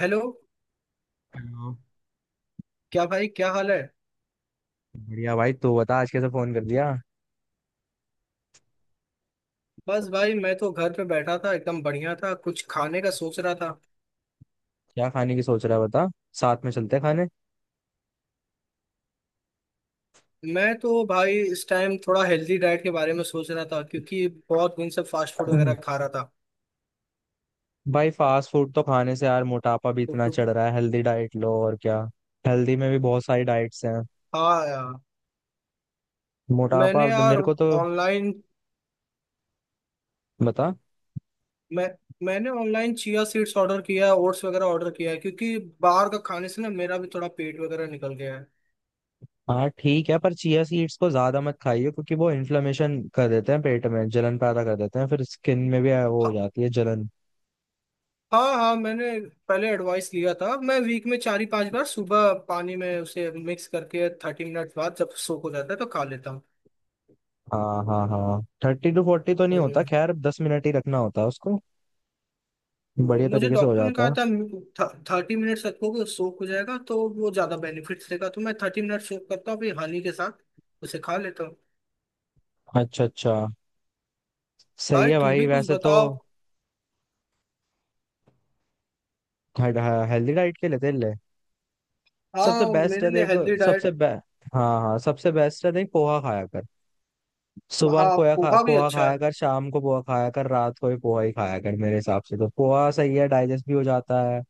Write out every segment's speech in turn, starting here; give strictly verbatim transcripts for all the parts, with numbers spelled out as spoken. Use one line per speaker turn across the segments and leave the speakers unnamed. Hello.
अच्छा।
क्या भाई, क्या हाल है।
बढ़िया भाई, तू बता आज कैसे फोन कर दिया?
बस भाई, मैं तो घर पे बैठा था। एकदम बढ़िया था। कुछ खाने का सोच रहा था।
क्या खाने की सोच रहा है बता। साथ में चलते हैं खाने।
मैं तो भाई इस टाइम थोड़ा हेल्दी डाइट के बारे में सोच रहा था, क्योंकि बहुत दिन से फास्ट फूड वगैरह खा रहा था।
भाई फास्ट फूड तो खाने से यार मोटापा भी
तो
इतना
कुछ।
चढ़ रहा है, हेल्दी डाइट लो और क्या। हेल्दी में भी बहुत सारी डाइट्स हैं।
हाँ यार।
मोटापा
मैंने यार
मेरे को तो।
ऑनलाइन।
बता।
मैं मैंने ऑनलाइन चिया सीड्स ऑर्डर किया है, ओट्स वगैरह ऑर्डर किया है, क्योंकि बाहर का खाने से ना मेरा भी थोड़ा पेट वगैरह निकल गया है।
हाँ ठीक है, पर चिया सीड्स को ज्यादा मत खाइए क्योंकि वो इन्फ्लेमेशन कर देते हैं, पेट में जलन पैदा कर देते हैं, फिर स्किन में भी वो हो
हाँ,
जाती है जलन।
हाँ हाँ। मैंने पहले एडवाइस लिया था। मैं वीक में चार ही पांच बार सुबह पानी में उसे मिक्स करके थर्टी मिनट बाद जब सोख हो जाता है तो खा लेता हूँ।
हाँ हाँ हाँ, थर्टी टू फोर्टी तो नहीं होता,
हम्म,
खैर दस मिनट ही रखना होता है उसको।
तो
बढ़िया
मुझे
तरीके से हो
डॉक्टर ने
जाता
कहा
है।
था थर्टी मिनट्स रखोगे सोख हो जाएगा तो वो ज्यादा बेनिफिट्स देगा, तो मैं थर्टी मिनट सोख करता हूँ फिर हनी के साथ उसे खा लेता हूँ।
अच्छा अच्छा। सही
भाई
है
तुम
भाई
भी कुछ
वैसे तो।
बताओ।
हेल्दी डाइट के लिए तेरे लिए
हाँ
सबसे बेस्ट
मेरे
है
लिए
देख।
हेल्दी
सबसे
डाइट।
बे हाँ हाँ, सबसे बेस्ट है देख, पोहा खाया कर। सुबह
हाँ
पोहा खा,
पोहा भी
पोहा
अच्छा है।
खाया कर, शाम को पोहा खाया कर, रात को भी पोहा ही खाया कर, मेरे हिसाब से तो पोहा सही है, डाइजेस्ट भी हो जाता है।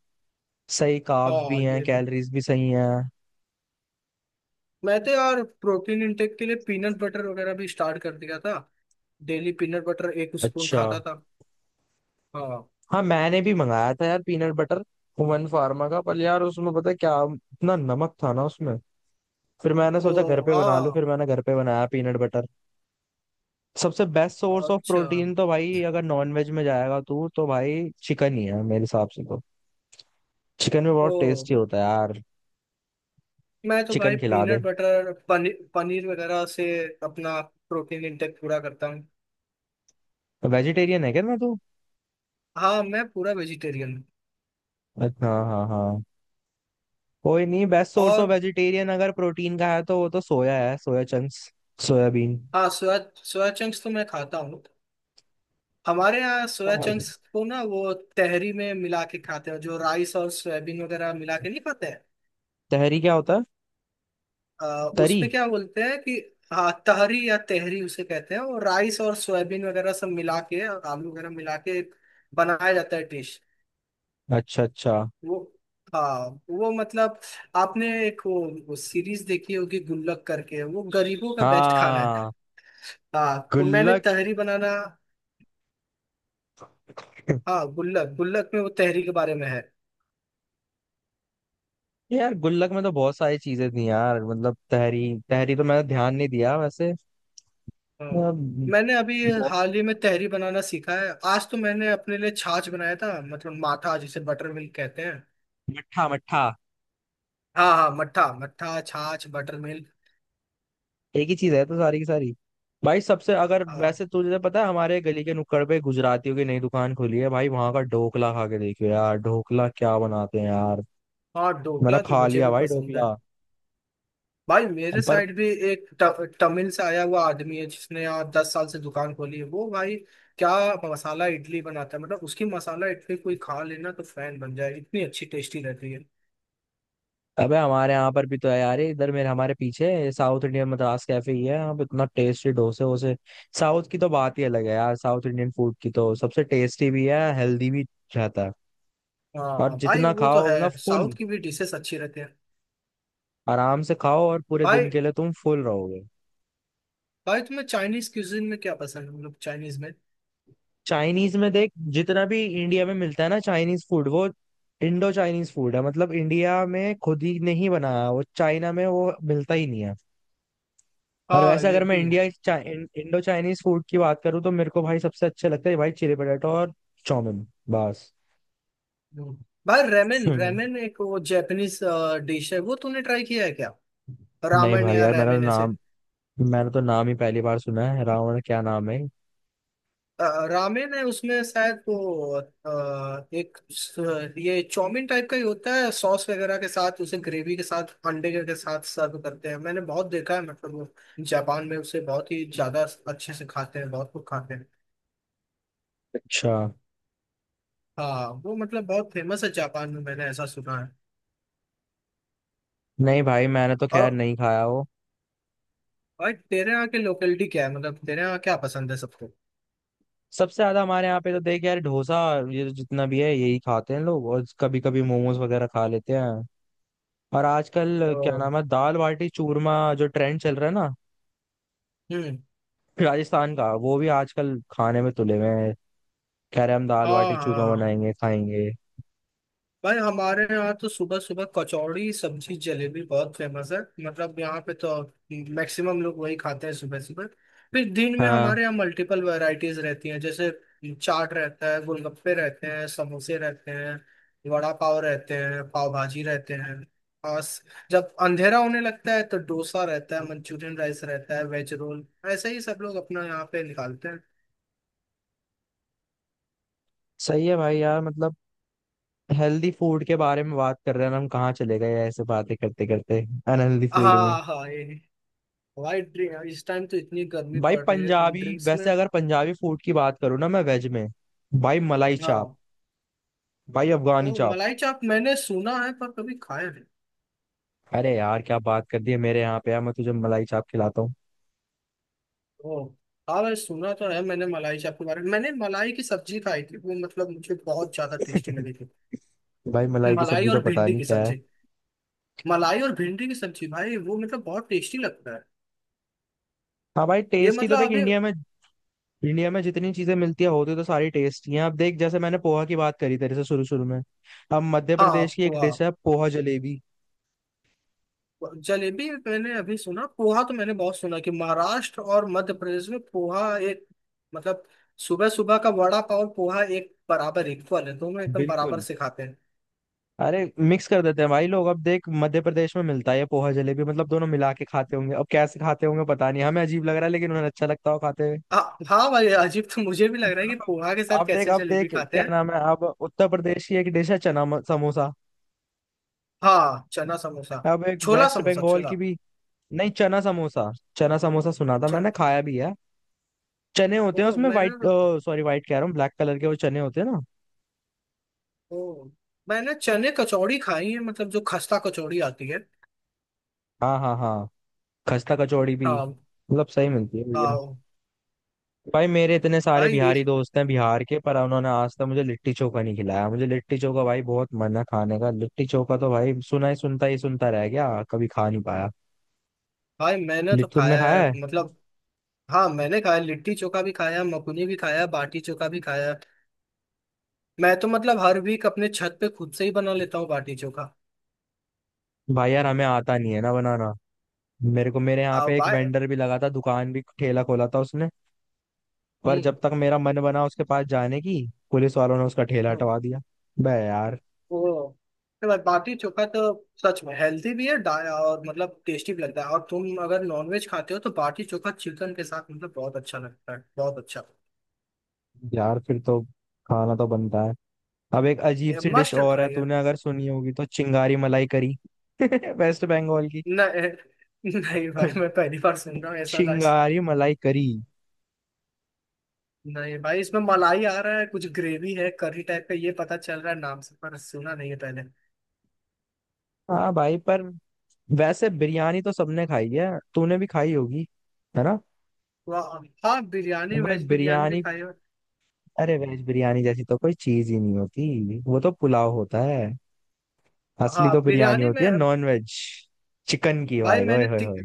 सही कार्ब्स
हाँ
भी हैं,
ये भी।
कैलोरीज भी सही हैं।
मैं तो यार प्रोटीन इंटेक के लिए पीनट बटर वगैरह भी स्टार्ट कर दिया था। डेली पीनट बटर एक स्पून
अच्छा।
खाता था। हाँ।
हाँ, मैंने भी मंगाया था यार पीनट बटर, हुमन फार्मा का, पर यार उसमें पता है क्या, इतना नमक था ना उसमें। फिर मैंने
ओ।
सोचा घर पे बना लूं,
हाँ
फिर मैंने घर पे बनाया पीनट बटर। सबसे बेस्ट सोर्स ऑफ
अच्छा।
प्रोटीन तो भाई, अगर नॉन वेज में जाएगा तू तो भाई चिकन ही है मेरे हिसाब से तो। चिकन में
ओ।
बहुत टेस्टी होता है यार।
मैं तो भाई
चिकन खिला दे।
पीनट बटर, पनीर पनीर वगैरह से अपना प्रोटीन इंटेक पूरा करता हूँ।
वेजिटेरियन है क्या ना तू?
हाँ, मैं पूरा वेजिटेरियन हूँ।
अच्छा हाँ हाँ हाँ। कोई नहीं, बेस्ट सोर्स ऑफ
और।
वेजिटेरियन अगर प्रोटीन का है तो वो तो सोया है, सोया चंक्स, सोयाबीन।
हाँ सोया सोया चंक्स तो मैं खाता हूँ। हमारे यहाँ सोया चंक्स को ना वो तहरी में मिला के खाते हैं, जो राइस और सोयाबीन वगैरह मिला के नहीं खाते हैं।
तहरी क्या होता है?
आ,
तरी।
उसमें क्या बोलते हैं कि। हाँ तहरी या तहरी उसे कहते हैं, और राइस और सोयाबीन वगैरह सब मिला के और आलू वगैरह मिला के एक बनाया जाता है डिश।
अच्छा अच्छा।
वो। हाँ वो मतलब। आपने एक वो, वो सीरीज देखी होगी गुल्लक करके, वो गरीबों का बेस्ट खाना है।
हाँ।
हाँ तो मैंने
गुल्लक।
तहरी बनाना। हाँ गुल्लक, गुल्लक में वो तहरी के बारे में है।
यार गुल्लक में तो बहुत सारी चीजें थी यार, मतलब तहरी। तहरी तो मैंने ध्यान नहीं दिया वैसे।
हाँ
अम,
मैंने अभी
बहुत।
हाल ही में तहरी बनाना सीखा है। आज तो मैंने अपने लिए छाछ बनाया था, मतलब माठा, जिसे बटर मिल्क कहते हैं।
मट्ठा मट्ठा।
हाँ हाँ, मट्ठा मट्ठा छाछ बटर मिल्क।
एक ही चीज है तो सारी की सारी। भाई सबसे अगर
हाँ,
वैसे तुझे पता है, हमारे गली के नुक्कड़ पे गुजरातियों की नई दुकान खुली है, भाई वहां का ढोकला खा के देखियो यार, ढोकला क्या बनाते हैं यार।
हाँ,
मैंने
ढोकला तो
खा
मुझे
लिया
भी
भाई
पसंद है।
ढोकला।
भाई मेरे
पर
साइड भी एक ट- तमिल से आया हुआ आदमी है जिसने यहाँ दस साल से दुकान खोली है, वो भाई क्या मसाला इडली बनाता है, मतलब उसकी मसाला इडली कोई खा लेना तो फैन बन जाए, इतनी अच्छी टेस्टी रहती है।
अबे हमारे यहाँ पर भी तो है यार, ये इधर मेरे हमारे पीछे साउथ इंडियन मद्रास कैफे ही है, यहाँ पे इतना टेस्टी डोसे वोसे। साउथ की तो बात ही अलग है यार, साउथ इंडियन फूड की तो सबसे टेस्टी भी है, हेल्दी भी रहता है। और
हाँ भाई
जितना
वो तो
खाओ, मतलब
है,
फुल,
साउथ की भी डिशेस अच्छी रहती है।
आराम से खाओ और पूरे
भाई
दिन के लिए तुम फुल रहोगे।
भाई तुम्हें चाइनीज क्यूजिन में क्या पसंद है, मतलब चाइनीज में।
चाइनीज में देख, जितना भी इंडिया में मिलता है ना चाइनीज फूड, वो इंडो चाइनीज फूड है, मतलब इंडिया में खुद ही ने ही बनाया, वो चाइना में वो मिलता ही नहीं है। और
हाँ
वैसे
ये
अगर मैं
भी है।
इंडिया चा, इं, इंडो चाइनीज फूड की बात करूँ तो मेरे को भाई सबसे अच्छे लगते हैं भाई चिली पटेटो और चाउमिन बस।
हम्म। भाई रेमेन,
हम्म,
रेमेन एक वो जैपनीज डिश है, वो तूने ट्राई किया है क्या,
नहीं
रामेन
भाई
या
यार, मैंने
रैमेन ऐसे।
नाम मैंने तो नाम ही पहली बार सुना है, रावण क्या नाम है।
अ, रामेन है उसमें शायद वो, अ, एक स- ये चाउमीन टाइप का ही होता है, सॉस वगैरह के साथ उसे ग्रेवी के साथ अंडे के के साथ सर्व करते हैं। मैंने बहुत देखा है, मतलब वो जापान में उसे बहुत ही ज्यादा अच्छे से खाते हैं, बहुत लोग खाते हैं।
अच्छा।
हाँ वो मतलब बहुत फेमस है जापान में, मैंने ऐसा सुना है।
नहीं भाई मैंने तो
और
खैर नहीं खाया वो।
भाई तेरे यहाँ की लोकेलिटी क्या है, मतलब तेरे यहाँ क्या पसंद है सबको।
सबसे ज्यादा हमारे यहाँ पे तो देख यार डोसा, ये तो जितना भी है यही खाते हैं लोग, और कभी कभी मोमोज वगैरह खा लेते हैं। और आजकल क्या
ओ,
नाम है, दाल बाटी चूरमा, जो ट्रेंड चल रहा है ना,
हम्म,
राजस्थान का, वो भी आजकल खाने में तुले हुए हैं, कह रहे हैं हम दाल
हाँ
बाटी चूरमा
हाँ।
बनाएंगे खाएंगे।
भाई हमारे यहाँ तो सुबह सुबह कचौड़ी सब्जी जलेबी बहुत फेमस है, मतलब यहाँ पे तो मैक्सिमम लोग वही खाते हैं सुबह सुबह। फिर दिन में
हाँ।
हमारे यहाँ मल्टीपल वैरायटीज रहती हैं, जैसे चाट रहता है, गोलगप्पे रहते हैं, समोसे रहते हैं, वड़ा पाव रहते हैं, पाव भाजी रहते हैं। और स- जब अंधेरा होने लगता है तो डोसा रहता है, मंचूरियन राइस रहता है, वेज रोल। ऐसे ही सब लोग अपना यहाँ पे निकालते हैं।
सही है भाई यार, मतलब हेल्दी फूड के बारे में बात कर रहे हैं और हम कहाँ चले गए ऐसे बातें करते करते अनहेल्दी फूड में।
हाँ हाँ ये। भाई ड्रिंक, इस टाइम तो इतनी गर्मी
भाई
पड़ रही है, तुम
पंजाबी,
ड्रिंक्स में।
वैसे अगर पंजाबी फूड की बात करूँ ना मैं वेज में, भाई मलाई चाप,
हाँ।
भाई अफगानी
ओ
चाप।
मलाई चाप मैंने सुना है, पर कभी खाया नहीं।
अरे यार क्या बात कर दी है, मेरे यहाँ पे यार मैं तुझे मलाई चाप खिलाता हूँ।
ओ, हाँ मैं सुना तो है, मैंने मलाई चाप के बारे में। मैंने मलाई की सब्जी खाई थी, वो मतलब मुझे बहुत ज्यादा टेस्टी लगी थी।
भाई मलाई की
मलाई
सब्जी तो
और
पता
भिंडी
नहीं
की
क्या है।
सब्जी। मलाई और भिंडी की सब्जी भाई वो मतलब बहुत टेस्टी लगता है।
हाँ भाई,
ये
टेस्ट ही तो
मतलब
देख
अभी।
इंडिया में, इंडिया में जितनी चीजें मिलती है, होती तो सारी टेस्टी हैं। अब देख जैसे मैंने पोहा की बात करी तेरे से शुरू शुरू में, अब मध्य
हाँ
प्रदेश की एक
पोहा
डिश है पोहा जलेबी।
जलेबी मैंने अभी सुना, पोहा तो मैंने बहुत सुना कि महाराष्ट्र और मध्य प्रदेश में पोहा एक मतलब सुबह सुबह का वड़ा पाव और पोहा एक बराबर इक्वल है, दोनों एकदम बराबर
बिल्कुल।
से खाते हैं।
अरे मिक्स कर देते हैं भाई लोग, अब देख मध्य प्रदेश में मिलता है ये पोहा जलेबी, मतलब दोनों मिला के खाते होंगे, अब कैसे खाते होंगे पता नहीं, हमें अजीब लग रहा है लेकिन उन्हें अच्छा लगता हो खाते।
हाँ, हाँ भाई अजीब तो मुझे भी लग रहा है कि पोहा के
अब
साथ
देख,
कैसे
अब
जलेबी
देख
खाते
क्या
हैं।
नाम है, अब उत्तर प्रदेश की एक डिश है चना म- समोसा।
हाँ चना समोसा,
अब एक
छोला
वेस्ट
समोसा
बंगाल
छोला।
की भी। नहीं, चना समोसा। चना समोसा सुना था,
च-
मैंने खाया भी है। चने होते
ओ
हैं उसमें वाइट,
मैंने
सॉरी वाइट कह रहा हूँ, ब्लैक कलर के वो चने होते हैं ना।
ओ मैंने चने कचौड़ी खाई है, मतलब जो खस्ता कचौड़ी आती है।
हाँ हाँ हाँ। खस्ता कचौड़ी भी
हाँ
मतलब सही मिलती है भैया।
हाँ।
भाई मेरे इतने सारे
भाई
बिहारी दोस्त हैं बिहार के, पर उन्होंने आज तक मुझे लिट्टी चोखा नहीं खिलाया, मुझे लिट्टी चोखा भाई बहुत मन है खाने का, लिट्टी चोखा तो भाई सुना ही सुनता ही सुनता रह गया, कभी खा नहीं पाया।
भाई मैंने तो
लिट्टी तुमने
खाया है,
खाया?
मतलब हाँ मैंने खाया, लिट्टी चोखा भी खाया, मकुनी भी खाया, बाटी चोखा भी खाया। मैं तो मतलब हर वीक अपने छत पे खुद से ही बना लेता हूँ बाटी चोखा।
भाई यार हमें आता नहीं है ना बनाना। मेरे को मेरे यहाँ
आ,
पे एक
भाई,
वेंडर भी लगा था, दुकान भी ठेला खोला था उसने, पर
हम्म,
जब तक मेरा मन बना उसके पास जाने की, पुलिस वालों ने उसका ठेला
हम्म।
हटवा दिया। बे यार।
वो मतलब बाटी चोखा तो सच में हेल्दी भी है, डा- और मतलब टेस्टी भी लगता है, और तुम अगर नॉनवेज खाते हो तो बाटी चोखा चिकन के साथ मतलब बहुत अच्छा लगता है, बहुत अच्छा।
यार फिर तो खाना तो बनता है। अब एक अजीब सी डिश
मस्ट
और है,
ट्राई है।
तूने अगर सुनी होगी तो, चिंगारी मलाई करी। वेस्ट बंगाल की।
नहीं नहीं भाई, मैं पहली बार सुन रहा हूँ ऐसा राइस।
चिंगारी मलाई करी।
नहीं भाई, इसमें मलाई आ रहा है, कुछ ग्रेवी है, करी टाइप का ये पता चल रहा है नाम से, पर सुना नहीं है पहले।
हाँ भाई पर, वैसे बिरयानी तो सबने खाई है, तूने भी खाई होगी, है ना?
वाह। हाँ बिरयानी,
भाई
वेज बिरयानी भी
बिरयानी,
खाई है।
अरे वेज बिरयानी जैसी तो कोई चीज ही नहीं होती, वो तो पुलाव होता है। असली
हाँ
तो बिरयानी
बिरयानी में।
होती है नॉन वेज, चिकन की,
भाई
भाई ओए
मैंने
होए
ती,
होए।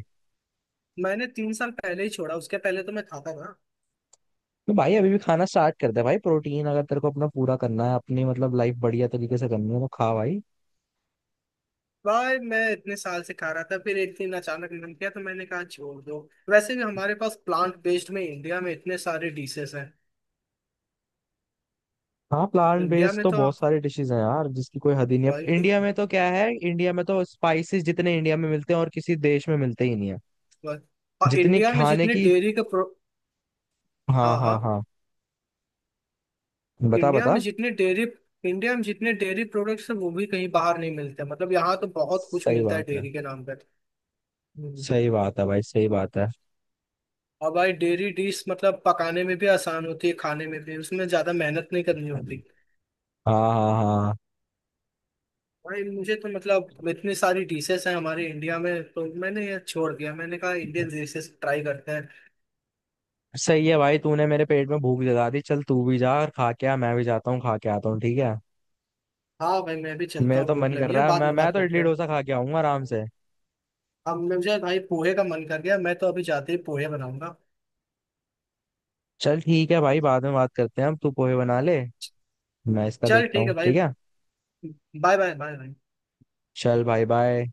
मैंने तीन साल पहले ही छोड़ा, उसके पहले तो मैं खाता था।
तो भाई अभी भी खाना स्टार्ट कर दे भाई, प्रोटीन अगर तेरे को अपना पूरा करना है, अपनी मतलब लाइफ बढ़िया तरीके से करनी है तो खा भाई।
भाई मैं इतने साल से खा रहा था, फिर एक दिन अचानक मन किया तो मैंने कहा छोड़ दो। वैसे भी हमारे पास प्लांट बेस्ड में इंडिया में इतने सारे डिशेस हैं।
हाँ प्लांट
इंडिया
बेस्ड
में
तो
तो।
बहुत सारे डिशेज हैं यार, जिसकी कोई हद ही नहीं
भाई।
है, इंडिया में तो क्या है, इंडिया में तो स्पाइसेस जितने इंडिया में मिलते हैं और किसी देश में मिलते ही नहीं है।
भाई-। और
जितनी
इंडिया में
खाने
जितने
की,
डेयरी के प्रो।
हाँ
हाँ हाँ।
हाँ हाँ। बता
इंडिया में
बता।
जितने डेयरी। इंडिया में जितने डेयरी प्रोडक्ट्स हैं वो भी कहीं बाहर नहीं मिलते, मतलब यहाँ तो बहुत कुछ
सही
मिलता है
बात है,
डेयरी के नाम पर। हम्म।
सही बात है भाई, सही बात
और भाई डेयरी डिश मतलब पकाने में भी आसान होती है, खाने में भी उसमें ज्यादा मेहनत नहीं करनी
है।
होती।
हाँ हाँ हाँ।
भाई मुझे तो मतलब इतनी सारी डिशेस हैं हमारे इंडिया में, तो मैंने ये छोड़ दिया, मैंने कहा इंडियन डिशेस ट्राई करते हैं।
सही है भाई, तूने मेरे पेट में भूख जगा दी, चल तू भी जा और खा के आ, मैं भी जाता हूँ खा के आता हूँ ठीक है।
हाँ भाई मैं भी चलता
मेरा
हूँ,
तो
भूख
मन कर
लगी है,
रहा है,
बाद
मैं
में
मैं
बात
तो
करते
इडली
हैं।
डोसा खा के आऊंगा आराम से।
अब मुझे भाई पोहे का मन कर गया, मैं तो अभी जाते ही पोहे बनाऊंगा।
चल ठीक है भाई, बाद में बात करते हैं हम, तू पोहे बना ले, मैं इसका
चल
देखता
ठीक है
हूँ
भाई,
ठीक है।
बाय बाय बाय भाई
चल भाई बाय।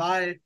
बाय।